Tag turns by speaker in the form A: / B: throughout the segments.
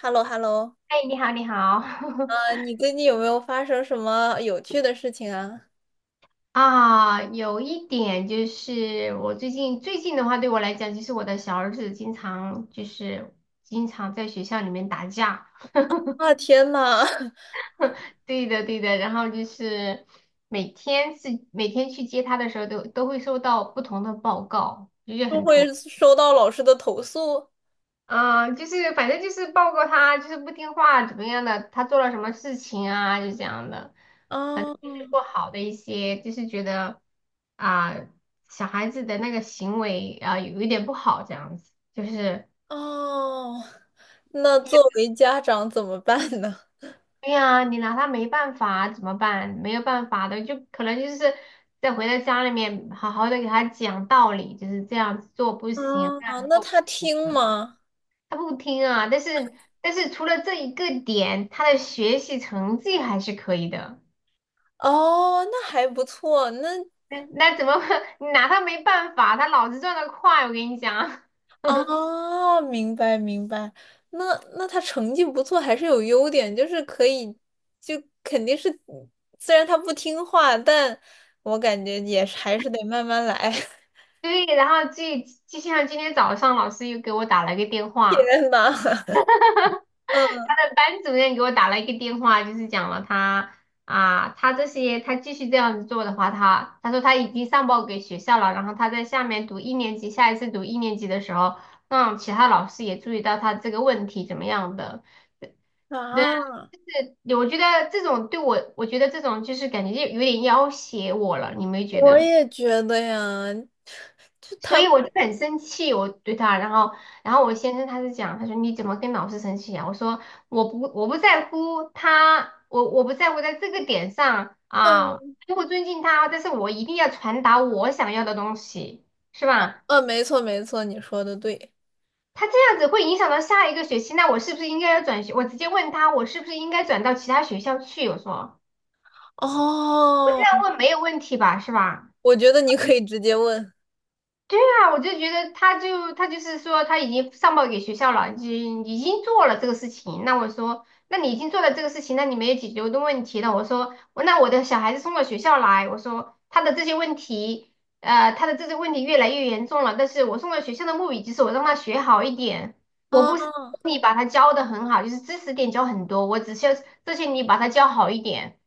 A: h e l l o h e l l o。
B: 哎，你好，你好。
A: 啊，你最近有没有发生什么有趣的事情啊？
B: 啊，有一点就是我最近的话，对我来讲，就是我的小儿子经常在学校里面打架。
A: 啊，天呐，
B: 对的对的，然后就是每天去接他的时候都会收到不同的报告，就是
A: 都
B: 很头。
A: 会收到老师的投诉
B: 啊，就是反正就是报告他就是不听话怎么样的，他做了什么事情啊，就这样的，反
A: 啊。
B: 正就是不好的一些，就是觉得啊，小孩子的那个行为啊有一点不好这样子，就是
A: 哦，那作为家长怎么办呢？
B: 对呀，你拿他没办法怎么办？没有办法的，就可能就是再回到家里面好好的给他讲道理，就是这样子做不行，那
A: 啊，
B: 样子
A: 那
B: 做不
A: 他
B: 行。
A: 听吗？
B: 他不听啊，但是除了这一个点，他的学习成绩还是可以的。
A: 哦，那还不错，那
B: 那怎么 你拿他没办法？他脑子转得快，我跟你讲。
A: 哦，明白明白。那那他成绩不错，还是有优点，就是可以，就肯定是，虽然他不听话，但我感觉也是还是得慢慢来。
B: 对，然后就像今天早上，老师又给我打了一个电话，
A: 天呐，嗯，
B: 那班主任给我打了一个电话，就是讲了他啊，他继续这样子做的话，他说他已经上报给学校了，然后他在下面读一年级，下一次读一年级的时候，让其他老师也注意到他这个问题怎么样的。那
A: 啊，
B: 这我觉得这种对我，我觉得这种就是感觉就有点要挟我了，你没觉
A: 我
B: 得？
A: 也觉得呀，就
B: 所
A: 他，
B: 以我就很生气，我对他，然后我先生他是讲，他说你怎么跟老师生气啊？我说我不在乎他，我不在乎在这个点上啊，
A: 嗯
B: 我不尊敬他，但是我一定要传达我想要的东西，是吧？
A: 嗯，没错没错，你说的对。
B: 他这样子会影响到下一个学期，那我是不是应该要转学？我直接问他，我是不是应该转到其他学校去？我说
A: 哦，
B: 那问没有问题吧，是吧？
A: 我觉得你可以直接问。
B: 对啊，我就觉得他就是说他已经上报给学校了，已经做了这个事情。那我说，那你已经做了这个事情，那你没有解决我的问题。那我说，那我的小孩子送到学校来，我说他的这些问题越来越严重了。但是我送到学校的目的就是我让他学好一点，我不
A: 啊，
B: 是你把他教的很好，就是知识点教很多，我只需要这些你把他教好一点。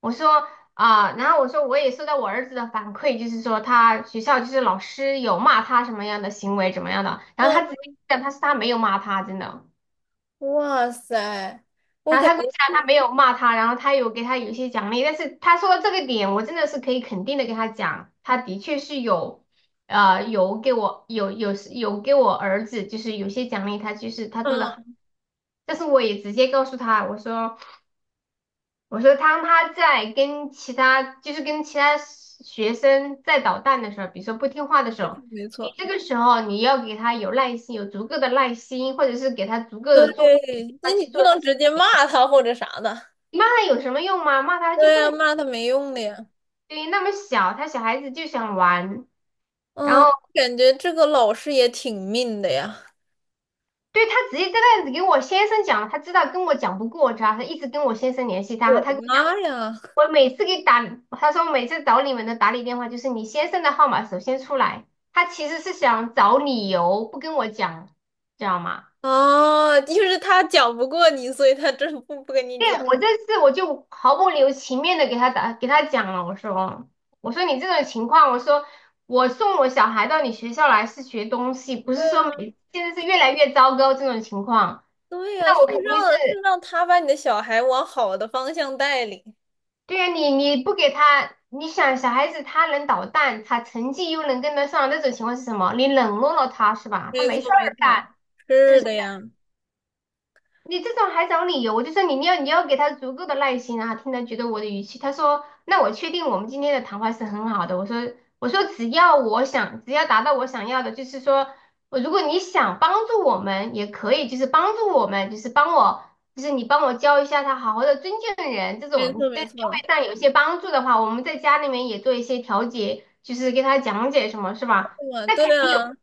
B: 我说。啊，然后我说我也收到我儿子的反馈，就是说他学校就是老师有骂他什么样的行为怎么样的，然后
A: 嗯，
B: 他直接讲他没有骂他，真的，
A: 哇塞，我
B: 然后
A: 感
B: 他跟我
A: 觉，
B: 讲他没有骂他，然后他有给他有一些奖励，但是他说到这个点，我真的是可以肯定的跟他讲，他的确是有，有给我有给我儿子就是有些奖励，他就是他做的，好，
A: 嗯，
B: 但是我也直接告诉他，我说。我说当他在跟其他，就是跟其他学生在捣蛋的时候，比如说不听话的时候，
A: 没
B: 你
A: 错。
B: 这个时候你要给他有耐心，有足够的耐心，或者是给他足够的做
A: 对，那
B: 他
A: 你
B: 去
A: 不
B: 做事。
A: 能直接骂他或者啥的。
B: 你骂他有什么用吗？骂他就
A: 对
B: 不
A: 呀，
B: 能，
A: 骂他没用的呀。
B: 对，那么小，他小孩子就想玩，然
A: 嗯，
B: 后
A: 感觉这个老师也挺命的呀。
B: 对，他直接这个样子给我先生讲，他知道跟我讲不过他，他一直跟我先生联系
A: 我
B: 他，他
A: 的
B: 跟我讲，
A: 妈呀！
B: 我每次给打，他说每次找你们的打理电话就是你先生的号码首先出来，他其实是想找理由不跟我讲，知道吗？
A: 啊，就是他讲不过你，所以他真不跟你讲。
B: 对，我这次我就毫不留情面的给他打，给他讲了，我说你这种情况，我说我送我小孩到你学校来是学东西，不
A: 对
B: 是说
A: 啊，
B: 现在是越来越糟糕这种情况。
A: 对呀，是
B: 那我肯定是，
A: 让是让他把你的小孩往好的方向带领。
B: 对呀，你不给他，你想小孩子他能捣蛋，他成绩又能跟得上，那种情况是什么？你冷落了他是吧？他
A: 没
B: 没事
A: 错，没
B: 儿
A: 错，
B: 干，
A: 是的呀，
B: 你这种还找理由，我就说你要给他足够的耐心啊，听他觉得我的语气。他说，那我确定我们今天的谈话是很好的。我说只要我想，只要达到我想要的，就是说如果你想帮助我们也可以，就是帮助我们，就是帮我，就是你帮我教一下他，好好的尊敬人这
A: 没错，
B: 种，在
A: 没
B: 行
A: 错，
B: 为上有一些帮助的话，我们在家里面也做一些调解，就是给他讲解什么，是吧？
A: 对啊，
B: 那肯
A: 对
B: 定
A: 啊，
B: 有。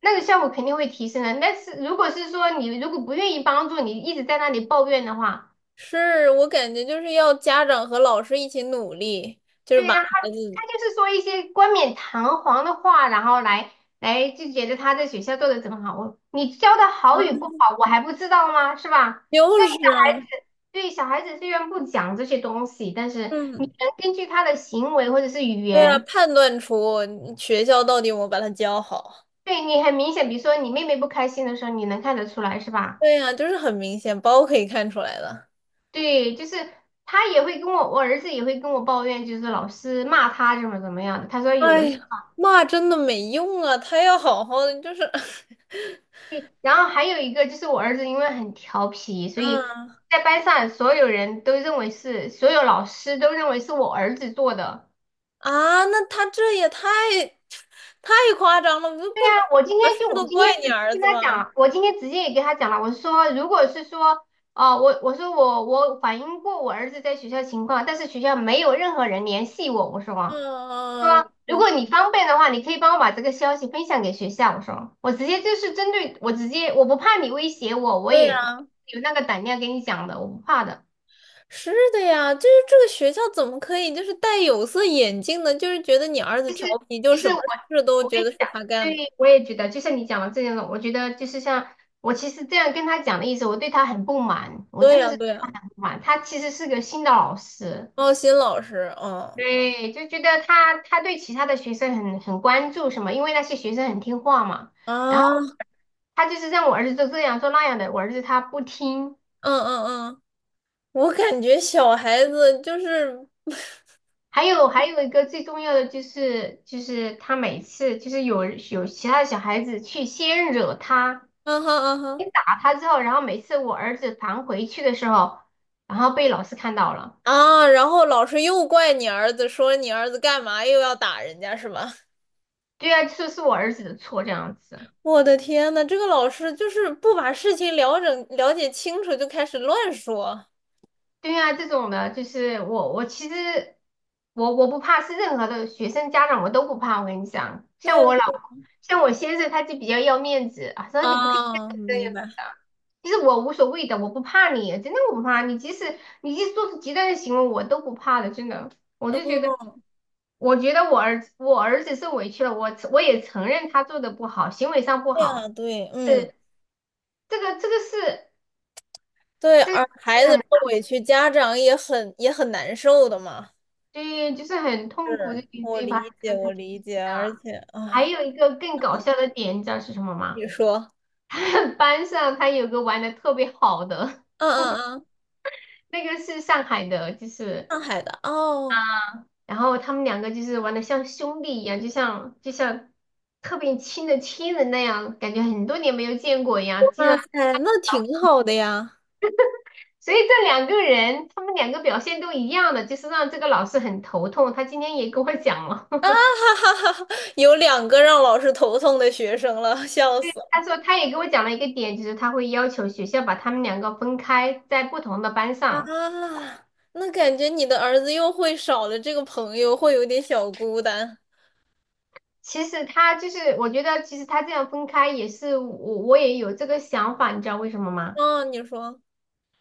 B: 那个效果肯定会提升的。但是如果是说你如果不愿意帮助，你一直在那里抱怨的话，
A: 是我感觉就是要家长和老师一起努力，就是
B: 对，
A: 把
B: 让他
A: 孩
B: 他
A: 子，
B: 就是说一些冠冕堂皇的话，然后来就觉得他在学校做的怎么好，我你教的好与
A: 嗯
B: 不好，我还不知道吗？是吧？虽
A: 就
B: 然小
A: 是
B: 孩
A: 啊。
B: 子对小孩子虽然不讲这些东西，但是你
A: 嗯，
B: 能根据他的行为或者是语
A: 对呀，
B: 言，
A: 判断出你学校到底有没有把他教好。
B: 对你很明显，比如说你妹妹不开心的时候，你能看得出来，是吧？
A: 对呀，就是很明显，包可以看出来的。
B: 对，就是他也会跟我，我儿子也会跟我抱怨，就是老师骂他怎么怎么样的。他说有
A: 哎
B: 的是，
A: 呀，骂真的没用啊，他要好好的，就是，
B: 对，然后还有一个就是我儿子因为很调皮，所以
A: 嗯
B: 在班上所有人都认为是，所有老师都认为是我儿子做的。
A: 啊，那他这也太太夸张了，不
B: 那我
A: 能什
B: 今天
A: 么事
B: 就我
A: 都
B: 今天
A: 怪
B: 直
A: 你
B: 接
A: 儿
B: 跟
A: 子
B: 他
A: 吧？
B: 讲了我今天直接也跟他讲了，我说如果是说，哦、我说我反映过我儿子在学校情况，但是学校没有任何人联系我，我说。
A: 嗯嗯，
B: 如
A: 我
B: 果你方便的话，你可以帮我把这个消息分享给学校。我说，我直接就是针对我直接，我不怕你威胁我，我
A: 对呀，
B: 也有那个胆量跟你讲的，我不怕的。
A: 是的呀，就是这个学校怎么可以就是戴有色眼镜呢？就是觉得你儿子调皮，就
B: 其
A: 什
B: 实
A: 么
B: 我
A: 事都
B: 我跟
A: 觉
B: 你
A: 得是
B: 讲，
A: 他干的。
B: 对，我也觉得，就像你讲的这样的，我觉得就是像我其实这样跟他讲的意思，我对他很不满，我
A: 对
B: 真的
A: 呀，
B: 是对
A: 对呀。
B: 他很不满。他其实是个新的老师，
A: 奥新老师，嗯
B: 对，就觉得他对其他的学生很关注什么，因为那些学生很听话嘛。然后
A: 啊，嗯
B: 他就是让我儿子做这样做那样的，我儿子他不听。
A: 嗯嗯，我感觉小孩子就是，
B: 还有一个最重要的就是，就是他每次就是有其他的小孩子去先惹他，
A: 嗯哼嗯哼
B: 先打他之后，然后每次我儿子弹回去的时候，然后被老师看到了，
A: 啊，然后老师又怪你儿子，说你儿子干嘛又要打人家是吧？
B: 对啊，是我儿子的错这样子。
A: 我的天呐，这个老师就是不把事情了解清楚就开始乱说。
B: 对啊，这种的，就是我其实我不怕，是任何的学生家长我都不怕。我跟你讲，
A: 对
B: 像我先生他就比较要面子啊，说你不可以这
A: 啊，啊明
B: 样子
A: 白。
B: 的。其实我无所谓的，我不怕你，真的我不怕你。即使做出极端的行为，我都不怕的，真的。我就觉得，
A: 哦，
B: 我觉得我儿子受委屈了，我也承认他做的不好，行为上不
A: 这样啊，
B: 好。
A: 对，嗯，
B: 是这个这个是
A: 对，
B: 这个，
A: 而孩子受委屈，家长也很难受的嘛。
B: 对，就是很痛苦的
A: 是
B: 给自
A: 我
B: 己把
A: 理
B: 这
A: 解，
B: 个事
A: 我
B: 情
A: 理解，而
B: 的。
A: 且
B: 还
A: 啊，
B: 有一个更搞笑的点，你知道是什么吗？
A: 你说，
B: 班上他有个玩的特别好的，
A: 嗯嗯嗯，
B: 那个是上海的，就是，
A: 上海的哦，
B: 然后他们两个就是玩的像兄弟一样，就像特别亲的亲人那样，感觉很多年没有见过一样，竟
A: 哇
B: 然，
A: 塞，那挺好的呀！
B: 所以这两个人他们两个表现都一样的，就是让这个老师很头痛。他今天也跟我讲了。
A: 啊哈哈哈，有两个让老师头痛的学生了，笑死了
B: 他说他也给我讲了一个点，就是他会要求学校把他们两个分开在不同的班
A: 啊！
B: 上。
A: 那感觉你的儿子又会少了这个朋友，会有点小孤单。
B: 其实他就是，我觉得其实他这样分开也是我也有这个想法，你知道为什么吗？
A: 哦，你说，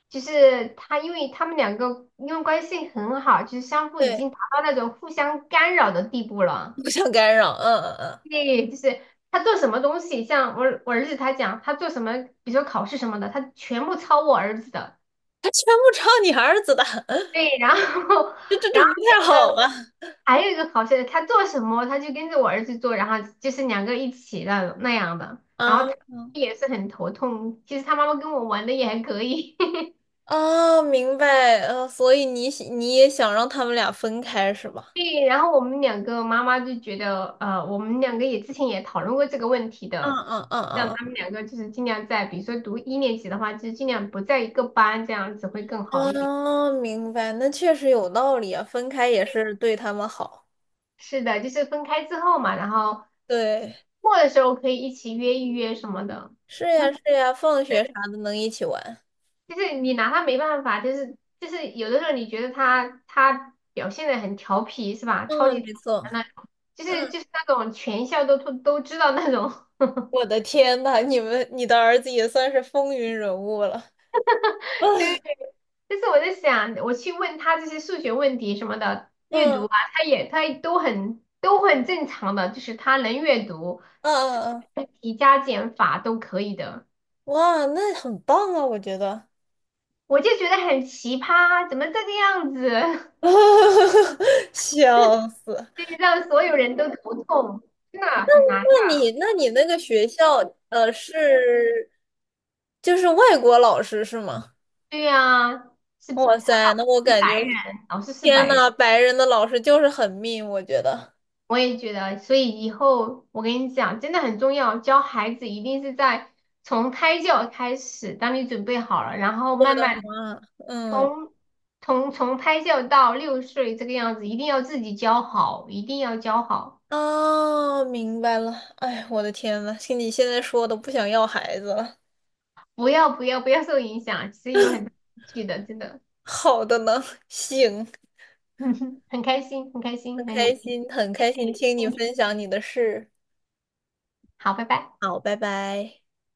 B: 就是他们两个因为关系很好，就是相互已
A: 对，
B: 经达到那种互相干扰的地步了。
A: 不想干扰，嗯嗯嗯，
B: 对，就是他做什么东西，像我儿子他讲他做什么，比如说考试什么的，他全部抄我儿子的。
A: 他全部抄你儿子的，
B: 对，然后 然后。
A: 这不太好吧？
B: 还有一个好笑的，他做什么他就跟着我儿子做，然后就是两个一起那种那样的，然后
A: 啊
B: 他也是很头痛。其实他妈妈跟我玩的也还可以，
A: 哦，明白，呃，所以你也想让他们俩分开是吧？
B: 对。然后我们两个妈妈就觉得，我们两个之前也讨论过这个问题
A: 嗯
B: 的，
A: 嗯嗯
B: 让
A: 嗯
B: 他们两个就是尽量在，比如说读一年级的话，就尽量不在一个班，这样子会更好一点。
A: 哦，明白，那确实有道理啊，分开也是对他们好。
B: 是的，就是分开之后嘛，然后
A: 对，
B: 末的时候可以一起约一约什么的。
A: 是呀，是呀，放学啥的能一起玩。
B: 就是你拿他没办法，就是有的时候你觉得他表现的很调皮是吧？超
A: 嗯，
B: 级调
A: 没
B: 皮的
A: 错。
B: 那种，就是
A: 嗯，
B: 就是那种全校都知道那种。
A: 我的天呐，你的儿子也算是风云人物了。
B: 对 对对。但是我在想，我去问他这些数学问题什么的，阅读
A: 嗯
B: 啊，他都很正常的，就是他能阅读，
A: 嗯
B: 数
A: 嗯
B: 学
A: 嗯，
B: 问题加减法都可以的。
A: 哇，那很棒啊，我觉得。
B: 我就觉得很奇葩，怎么这个样子？
A: 笑死！
B: 对，让所有人都头痛，真的很难。
A: 那你那个学校，呃，是就是外国老师是吗？
B: 对呀、是
A: 哇塞，那我
B: 是
A: 感觉
B: 白，老师是
A: 天
B: 白人，
A: 呐，白人的老师就是很命，我觉得。
B: 我也觉得，所以以后我跟你讲，真的很重要，教孩子一定是在从胎教开始，当你准备好了，然后慢慢
A: 哇，嗯，
B: 从从胎教到6岁这个样子，一定要自己教好，一定要教好，
A: 哦，明白了。哎，我的天呐，听你现在说的，不想要孩子了。
B: 不要不要不要受影响，其实有很大趣的，真的，
A: 好的呢，行，
B: 很开心，很开
A: 很
B: 心和你
A: 开
B: 一起
A: 心，很开心听你
B: 听
A: 分享你的事。
B: 好，拜拜。
A: 好，拜拜。